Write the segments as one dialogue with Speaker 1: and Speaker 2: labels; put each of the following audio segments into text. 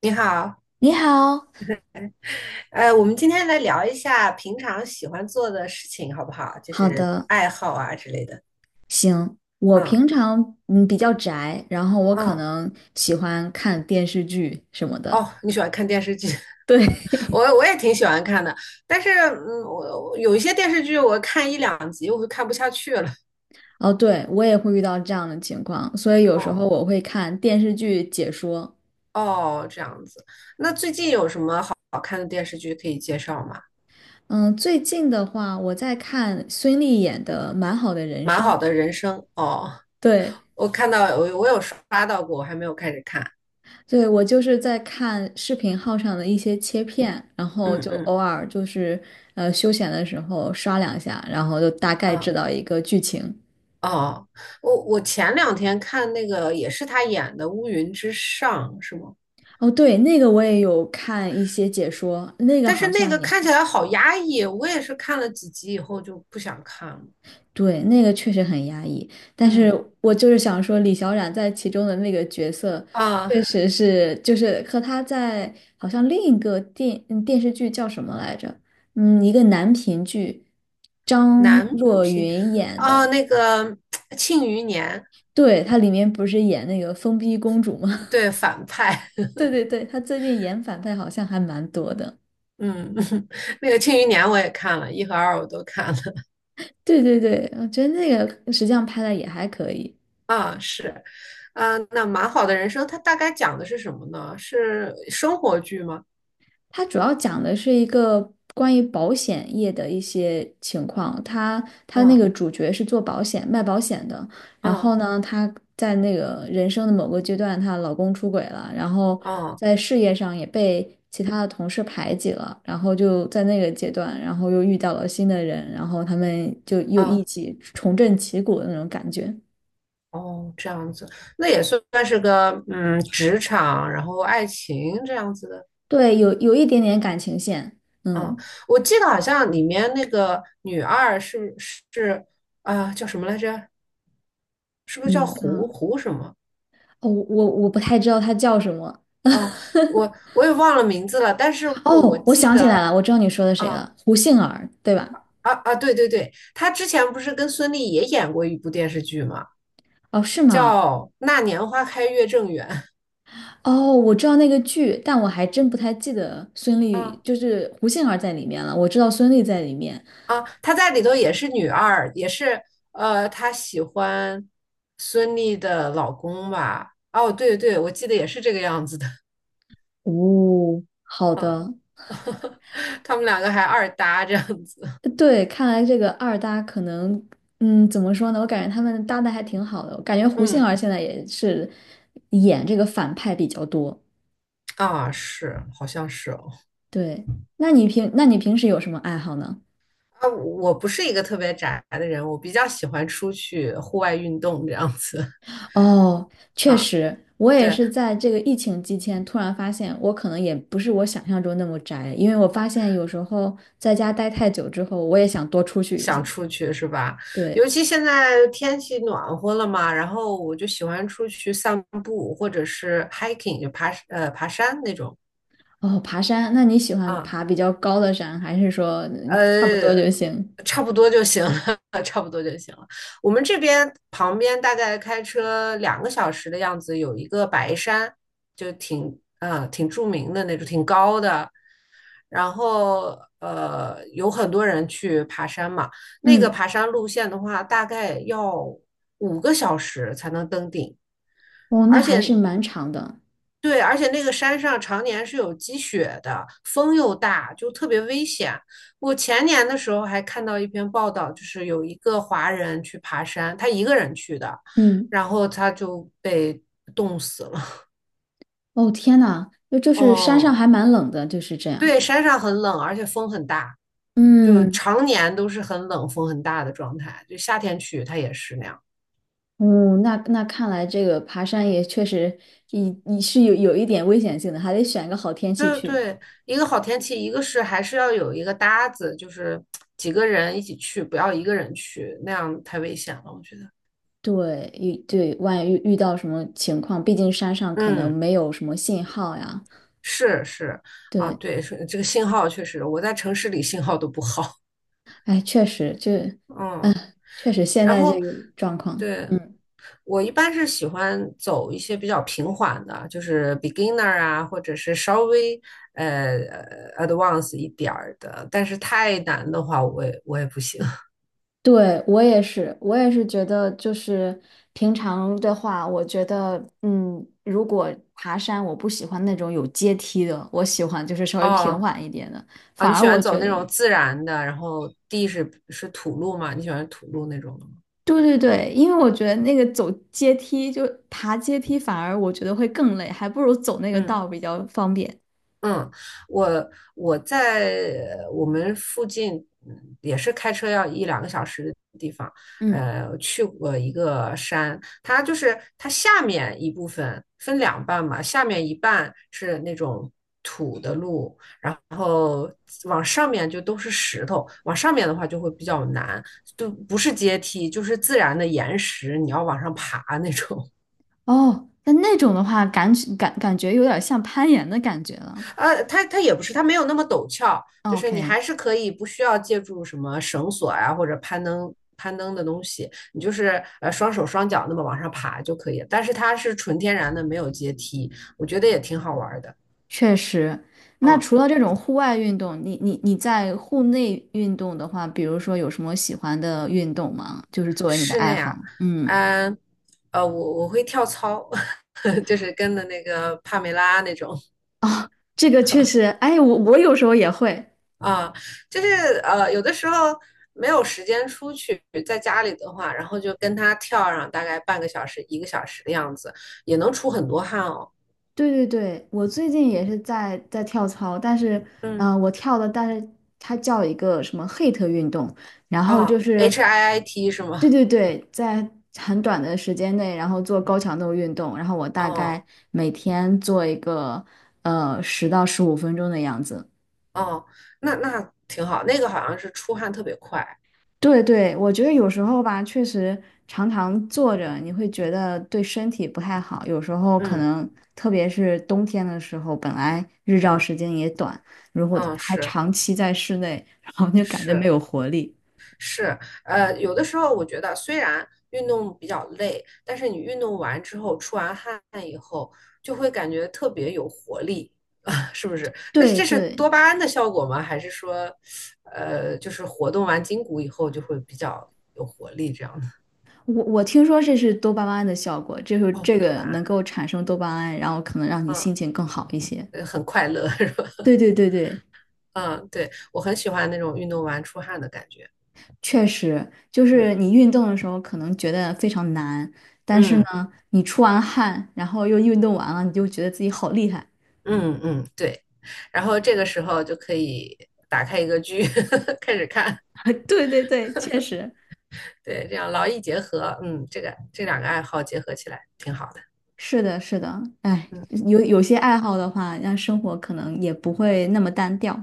Speaker 1: 你好，
Speaker 2: 你好，
Speaker 1: 我们今天来聊一下平常喜欢做的事情，好不好？就
Speaker 2: 好
Speaker 1: 是
Speaker 2: 的，
Speaker 1: 爱好啊之类的。
Speaker 2: 行。我平
Speaker 1: 嗯，
Speaker 2: 常比较宅，然后我可
Speaker 1: 嗯，
Speaker 2: 能喜欢看电视剧什么的。
Speaker 1: 哦，你喜欢看电视剧？
Speaker 2: 对，
Speaker 1: 我也挺喜欢看的，但是我有一些电视剧我看一两集我就看不下去了。
Speaker 2: 哦，对，我也会遇到这样的情况，所以有时候
Speaker 1: 哦，
Speaker 2: 我会看电视剧解说。
Speaker 1: 哦，这样子。那最近有什么好看的电视剧可以介绍吗？
Speaker 2: 嗯，最近的话，我在看孙俪演的《蛮好的人
Speaker 1: 蛮
Speaker 2: 生》。
Speaker 1: 好的人生哦，
Speaker 2: 对，
Speaker 1: 我看到我有刷到过，我还没有开始看。
Speaker 2: 对，我就是在看视频号上的一些切片，然后
Speaker 1: 嗯，
Speaker 2: 就
Speaker 1: 嗯，
Speaker 2: 偶尔休闲的时候刷两下，然后就大概知
Speaker 1: 啊，
Speaker 2: 道一个剧情。
Speaker 1: 哦，我前两天看那个也是他演的《乌云之上》，是吗？
Speaker 2: 哦，对，那个我也有看一些解说，那个
Speaker 1: 但是
Speaker 2: 好
Speaker 1: 那
Speaker 2: 像
Speaker 1: 个
Speaker 2: 也
Speaker 1: 看
Speaker 2: 还，
Speaker 1: 起来好压抑，我也是看了几集以后就不想看了。
Speaker 2: 对，那个确实很压抑。但是
Speaker 1: 嗯，
Speaker 2: 我就是想说，李小冉在其中的那个角色，
Speaker 1: 啊、
Speaker 2: 确实是就是和她在好像另一个电嗯电视剧叫什么来着？嗯，一个男频剧，张
Speaker 1: 男
Speaker 2: 若
Speaker 1: 频，
Speaker 2: 昀演
Speaker 1: 啊、
Speaker 2: 的。
Speaker 1: 那个《庆余年》。
Speaker 2: 对，她里面不是演那个疯逼公主吗？
Speaker 1: 对反派，
Speaker 2: 对对对，她最近演反派好像还蛮多的。
Speaker 1: 嗯，那个《庆余年》我也看了，一和二我都看了。
Speaker 2: 对对对，我觉得那个实际上拍的也还可以。
Speaker 1: 啊、是，啊、那蛮好的人生，它大概讲的是什么呢？是生活剧吗？
Speaker 2: 它主要讲的是一个关于保险业的一些情况。他那
Speaker 1: 嗯，
Speaker 2: 个主角是做保险、卖保险的，然后
Speaker 1: 嗯，
Speaker 2: 呢，她在那个人生的某个阶段，她老公出轨了，然后
Speaker 1: 嗯，
Speaker 2: 在事业上也被其他的同事排挤了，然后就在那个阶段，然后又遇到了新的人，然后他们就又
Speaker 1: 嗯，
Speaker 2: 一
Speaker 1: 啊，
Speaker 2: 起重振旗鼓的那种感觉。
Speaker 1: 哦，这样子，那也算是个职场，然后爱情这样子的。
Speaker 2: 对，有一点点感情线。
Speaker 1: 嗯，
Speaker 2: 嗯，
Speaker 1: 我记得好像里面那个女二是啊、叫什么来着？是不是叫
Speaker 2: 你
Speaker 1: 胡
Speaker 2: 啊，
Speaker 1: 胡什么？
Speaker 2: 哦，我不太知道他叫什么。
Speaker 1: 哦，我 我也忘了名字了，但是我
Speaker 2: 哦，我
Speaker 1: 记
Speaker 2: 想起来
Speaker 1: 得
Speaker 2: 了，我知道你说的谁了，
Speaker 1: 啊，
Speaker 2: 胡杏儿，对吧？
Speaker 1: 啊，啊，对，对，对，她之前不是跟孙俪也演过一部电视剧嘛，
Speaker 2: 哦，是吗？
Speaker 1: 叫《那年花开月正圆》。
Speaker 2: 哦，我知道那个剧，但我还真不太记得孙俪，
Speaker 1: 啊，
Speaker 2: 就是胡杏儿在里面了。我知道孙俪在里面。
Speaker 1: 啊，她在里头也是女二，也是她喜欢孙俪的老公吧？哦，对，对，我记得也是这个样子的，
Speaker 2: 哦，好的，
Speaker 1: 他们两个还二搭这样子。
Speaker 2: 对，看来这个二搭可能，嗯，怎么说呢？我感觉他们搭的还挺好的，我感觉胡杏
Speaker 1: 嗯，
Speaker 2: 儿现在也是演这个反派比较多。
Speaker 1: 啊，是，好像是哦。
Speaker 2: 对，那你平时有什么爱好呢？
Speaker 1: 啊，我不是一个特别宅的人，我比较喜欢出去户外运动这样子。
Speaker 2: 哦，确
Speaker 1: 啊，
Speaker 2: 实，我也
Speaker 1: 对，
Speaker 2: 是在这个疫情期间突然发现，我可能也不是我想象中那么宅，因为我发现有时候在家待太久之后，我也想多出去一
Speaker 1: 想
Speaker 2: 些。
Speaker 1: 出去是吧？
Speaker 2: 对，
Speaker 1: 尤其现在天气暖和了嘛，然后我就喜欢出去散步，或者是 hiking,就爬山那种。
Speaker 2: 哦，爬山，那你喜欢
Speaker 1: 啊，
Speaker 2: 爬比较高的山，还是说差不多
Speaker 1: 呃，
Speaker 2: 就行？
Speaker 1: 差不多就行了，差不多就行了。我们这边旁边大概开车两个小时的样子，有一个白山，就挺著名的那种，挺高的。然后有很多人去爬山嘛。那个
Speaker 2: 嗯，
Speaker 1: 爬山路线的话，大概要5个小时才能登顶，
Speaker 2: 哦，那
Speaker 1: 而
Speaker 2: 还
Speaker 1: 且
Speaker 2: 是蛮长的。
Speaker 1: 对，而且那个山上常年是有积雪的，风又大，就特别危险。我前年的时候还看到一篇报道，就是有一个华人去爬山，他一个人去的，
Speaker 2: 嗯，
Speaker 1: 然后他就被冻死了。
Speaker 2: 哦，天呐，就是山上
Speaker 1: 哦，
Speaker 2: 还蛮冷的，就是这样。
Speaker 1: 对，山上很冷，而且风很大，就
Speaker 2: 嗯。
Speaker 1: 常年都是很冷、风很大的状态。就夏天去，它也是那样。
Speaker 2: 嗯，那看来这个爬山也确实你是有一点危险性的，还得选个好天气
Speaker 1: 对，
Speaker 2: 去。
Speaker 1: 对，一个好天气，一个是还是要有一个搭子，就是几个人一起去，不要一个人去，那样太危险了，我觉得。
Speaker 2: 对，万一遇到什么情况，毕竟山上可能
Speaker 1: 嗯，
Speaker 2: 没有什么信号呀。
Speaker 1: 是，是啊，
Speaker 2: 对，
Speaker 1: 对，是这个信号确实，我在城市里信号都不好。
Speaker 2: 哎，确实，
Speaker 1: 嗯，
Speaker 2: 确实现
Speaker 1: 然
Speaker 2: 在这
Speaker 1: 后
Speaker 2: 个状况，
Speaker 1: 对，
Speaker 2: 嗯，
Speaker 1: 我一般是喜欢走一些比较平缓的，就是 beginner 啊，或者是稍微呃advanced 一点儿的，但是太难的话，我也不行。
Speaker 2: 对，我也是，我也是觉得，就是平常的话，我觉得，嗯，如果爬山，我不喜欢那种有阶梯的，我喜欢就是稍 微平
Speaker 1: 哦，
Speaker 2: 缓一点的。
Speaker 1: 啊，
Speaker 2: 反
Speaker 1: 你
Speaker 2: 而
Speaker 1: 喜欢
Speaker 2: 我
Speaker 1: 走
Speaker 2: 觉
Speaker 1: 那
Speaker 2: 得。
Speaker 1: 种自然的，然后地是土路吗？你喜欢土路那种的吗？
Speaker 2: 对对对，因为我觉得那个走阶梯，就爬阶梯，反而我觉得会更累，还不如走那个
Speaker 1: 嗯，
Speaker 2: 道比较方便。
Speaker 1: 嗯，我我在我们附近也是开车要一两个小时的地方，
Speaker 2: 嗯，
Speaker 1: 去过一个山，它就是它下面一部分分两半嘛，下面一半是那种土的路，然后往上面就都是石头，往上面的话就会比较难，就不是阶梯，就是自然的岩石，你要往上爬那种。
Speaker 2: 哦，那那种的话，感觉有点像攀岩的感觉了。
Speaker 1: 它也不是，它没有那么陡峭，就是你
Speaker 2: OK,
Speaker 1: 还是可以不需要借助什么绳索啊或者攀登攀登的东西，你就是双手双脚那么往上爬就可以了。但是它是纯天然的，没有阶梯，我觉得也挺好玩的。
Speaker 2: 确实。那
Speaker 1: 嗯，
Speaker 2: 除了这种户外运动，你在户内运动的话，比如说有什么喜欢的运动吗？就是作为你的
Speaker 1: 室
Speaker 2: 爱
Speaker 1: 内
Speaker 2: 好。
Speaker 1: 啊，
Speaker 2: 嗯，
Speaker 1: 嗯我会跳操，就是跟的那个帕梅拉那种，
Speaker 2: 啊这个确实，哎，我有时候也会。
Speaker 1: 啊，就是有的时候没有时间出去，在家里的话，然后就跟他跳上大概半个小时、1个小时的样子，也能出很多汗哦。
Speaker 2: 对对对，我最近也是在跳操，但是，
Speaker 1: 嗯，
Speaker 2: 嗯，我跳的，但是它叫一个什么 HIIT 运动，然后就
Speaker 1: 哦
Speaker 2: 是，
Speaker 1: ，HIIT 是
Speaker 2: 对
Speaker 1: 吗？
Speaker 2: 对对，在很短的时间内，然后做高强度运动，然后我大概
Speaker 1: 哦，
Speaker 2: 每天做一个10到15分钟的样子。
Speaker 1: 哦，那挺好，那个好像是出汗特别快。
Speaker 2: 对对，我觉得有时候吧，确实常常坐着，你会觉得对身体不太好。有时候可
Speaker 1: 嗯，
Speaker 2: 能，特别是冬天的时候，本来日照
Speaker 1: 嗯，
Speaker 2: 时间也短，如果
Speaker 1: 嗯，
Speaker 2: 还
Speaker 1: 是，
Speaker 2: 长期在室内，然后就感觉没
Speaker 1: 是。
Speaker 2: 有活力。
Speaker 1: 是，有的时候我觉得虽然运动比较累，但是你运动完之后出完汗以后，就会感觉特别有活力，啊，是不是？那
Speaker 2: 对
Speaker 1: 这是
Speaker 2: 对，
Speaker 1: 多巴胺的效果吗？还是说，就是活动完筋骨以后就会比较有活力这样的？
Speaker 2: 我听说这是多巴胺的效果，就是
Speaker 1: 哦，
Speaker 2: 这
Speaker 1: 多
Speaker 2: 个
Speaker 1: 巴
Speaker 2: 能
Speaker 1: 胺，
Speaker 2: 够产生多巴胺，然后可能让你
Speaker 1: 嗯，
Speaker 2: 心情更好一些。
Speaker 1: 很快乐 是吧？
Speaker 2: 对对对对，
Speaker 1: 嗯，对，我很喜欢那种运动完出汗的感觉。
Speaker 2: 确实，就是
Speaker 1: 嗯，
Speaker 2: 你运动的时候可能觉得非常难，但是呢，
Speaker 1: 嗯，
Speaker 2: 你出完汗，然后又运动完了，你就觉得自己好厉害。
Speaker 1: 嗯，嗯，对。然后这个时候就可以打开一个剧，开始看。
Speaker 2: 对对对，确实。
Speaker 1: 对，这样劳逸结合，嗯，这两个爱好结合起来挺好的，
Speaker 2: 是的，是的，哎，
Speaker 1: 嗯，
Speaker 2: 有些爱好的话，让生活可能也不会那么单调。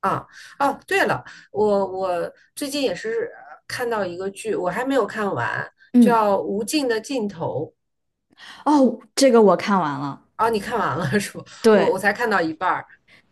Speaker 1: 啊，哦，对了，我最近也是看到一个剧，我还没有看完，
Speaker 2: 嗯，
Speaker 1: 叫《无尽的尽头》。
Speaker 2: 哦，这个我看完了，
Speaker 1: 啊，你看完了是不？我
Speaker 2: 对，
Speaker 1: 才看到一半儿，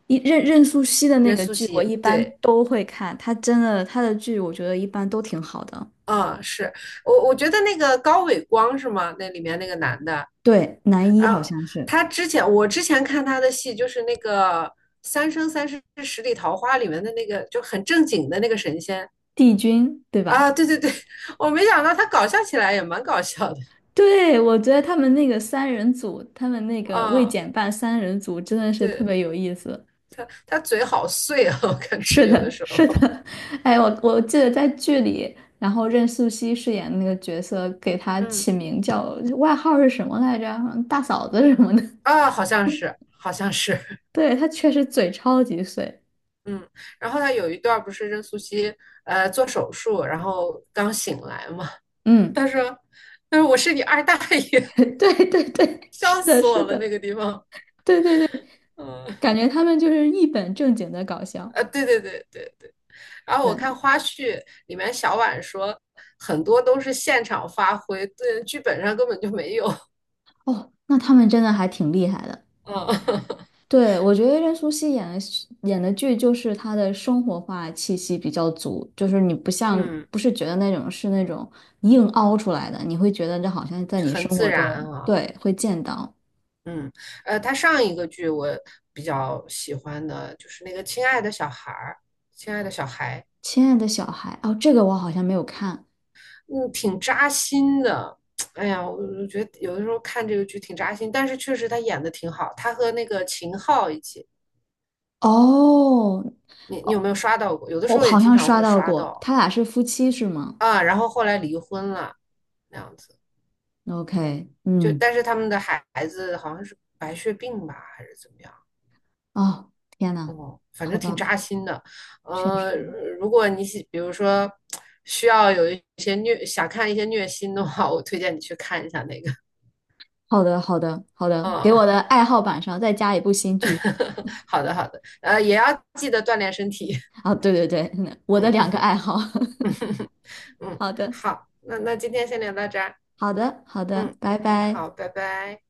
Speaker 2: 任素汐的那
Speaker 1: 任
Speaker 2: 个
Speaker 1: 素
Speaker 2: 剧，我
Speaker 1: 汐，
Speaker 2: 一般
Speaker 1: 对，
Speaker 2: 都会看，她真的她的剧，我觉得一般都挺好的。
Speaker 1: 啊，是我觉得那个高伟光是吗？那里面那个男的，
Speaker 2: 对，男一好
Speaker 1: 啊，
Speaker 2: 像是
Speaker 1: 他之前我之前看他的戏就是那个。《三生三世十里桃花》里面的那个就很正经的那个神仙，
Speaker 2: 帝君，对吧？
Speaker 1: 啊，对，对，对，我没想到他搞笑起来也蛮搞笑的
Speaker 2: 对，我觉得他们那个三人组，他们那个未
Speaker 1: 啊。
Speaker 2: 减半三人组真的是特
Speaker 1: 对，
Speaker 2: 别有意思。
Speaker 1: 他嘴好碎啊，我感
Speaker 2: 是
Speaker 1: 觉有的
Speaker 2: 的，
Speaker 1: 时
Speaker 2: 是
Speaker 1: 候，
Speaker 2: 的，哎，我记得在剧里，然后任素汐饰演的那个角色，给她
Speaker 1: 嗯
Speaker 2: 起名叫外号是什么来着？好像大嫂子什么的。
Speaker 1: 好像是，好像是，
Speaker 2: 对，她确实嘴超级碎。
Speaker 1: 嗯。然后他有一段儿不是任素汐做手术，然后刚醒来嘛，
Speaker 2: 嗯，
Speaker 1: 他说他说我是你二大爷，
Speaker 2: 对对对，是
Speaker 1: 笑
Speaker 2: 的，
Speaker 1: 死
Speaker 2: 是
Speaker 1: 我了那
Speaker 2: 的，
Speaker 1: 个地方。
Speaker 2: 对对对，
Speaker 1: 嗯，
Speaker 2: 感觉他们就是一本正经的搞笑。
Speaker 1: 啊，对，对，对，对，对，然后我
Speaker 2: 对，
Speaker 1: 看花絮里面小婉说很多都是现场发挥，对，剧本上根本就没有。
Speaker 2: 哦，那他们真的还挺厉害的。
Speaker 1: 嗯，
Speaker 2: 对，我觉得任素汐演的戏演的剧就是她的生活化气息比较足，就是你不像
Speaker 1: 嗯，
Speaker 2: 不是觉得那种是那种硬凹出来的，你会觉得这好像在你
Speaker 1: 很
Speaker 2: 生
Speaker 1: 自
Speaker 2: 活
Speaker 1: 然
Speaker 2: 中，
Speaker 1: 啊，
Speaker 2: 对，会见到。
Speaker 1: 嗯，他上一个剧我比较喜欢的就是那个《亲爱的小孩儿》，亲爱的小孩，
Speaker 2: 亲爱的小孩，哦，这个我好像没有看。
Speaker 1: 嗯，挺扎心的。哎呀，我觉得有的时候看这个剧挺扎心，但是确实他演的挺好。他和那个秦昊一起，
Speaker 2: 哦，
Speaker 1: 你有
Speaker 2: 哦，
Speaker 1: 没有刷到过？有的时
Speaker 2: 我
Speaker 1: 候也
Speaker 2: 好
Speaker 1: 经
Speaker 2: 像
Speaker 1: 常
Speaker 2: 刷
Speaker 1: 会
Speaker 2: 到
Speaker 1: 刷
Speaker 2: 过，
Speaker 1: 到
Speaker 2: 他俩是夫妻是吗
Speaker 1: 啊。然后后来离婚了，那样子，
Speaker 2: ？OK,
Speaker 1: 就
Speaker 2: 嗯，
Speaker 1: 但是他们的孩子好像是白血病吧，还是怎么样？
Speaker 2: 哦，天呐，
Speaker 1: 哦，反
Speaker 2: 好
Speaker 1: 正挺
Speaker 2: 吧，
Speaker 1: 扎心的。
Speaker 2: 确
Speaker 1: 呃，
Speaker 2: 实，
Speaker 1: 如果你喜，比如说需要有一些虐，想看一些虐心的话，我推荐你去看一下那个。
Speaker 2: 好的，好的，好的，给
Speaker 1: 嗯，
Speaker 2: 我的爱好榜上再加一部新剧。
Speaker 1: 好的，好的，也要记得锻炼身体。
Speaker 2: 啊，对对对，我的两个
Speaker 1: 嗯
Speaker 2: 爱好。
Speaker 1: 嗯，
Speaker 2: 好的，
Speaker 1: 好，那今天先聊到这儿。
Speaker 2: 好的，好的，
Speaker 1: 嗯，
Speaker 2: 拜
Speaker 1: 嗯，
Speaker 2: 拜。
Speaker 1: 好，拜拜。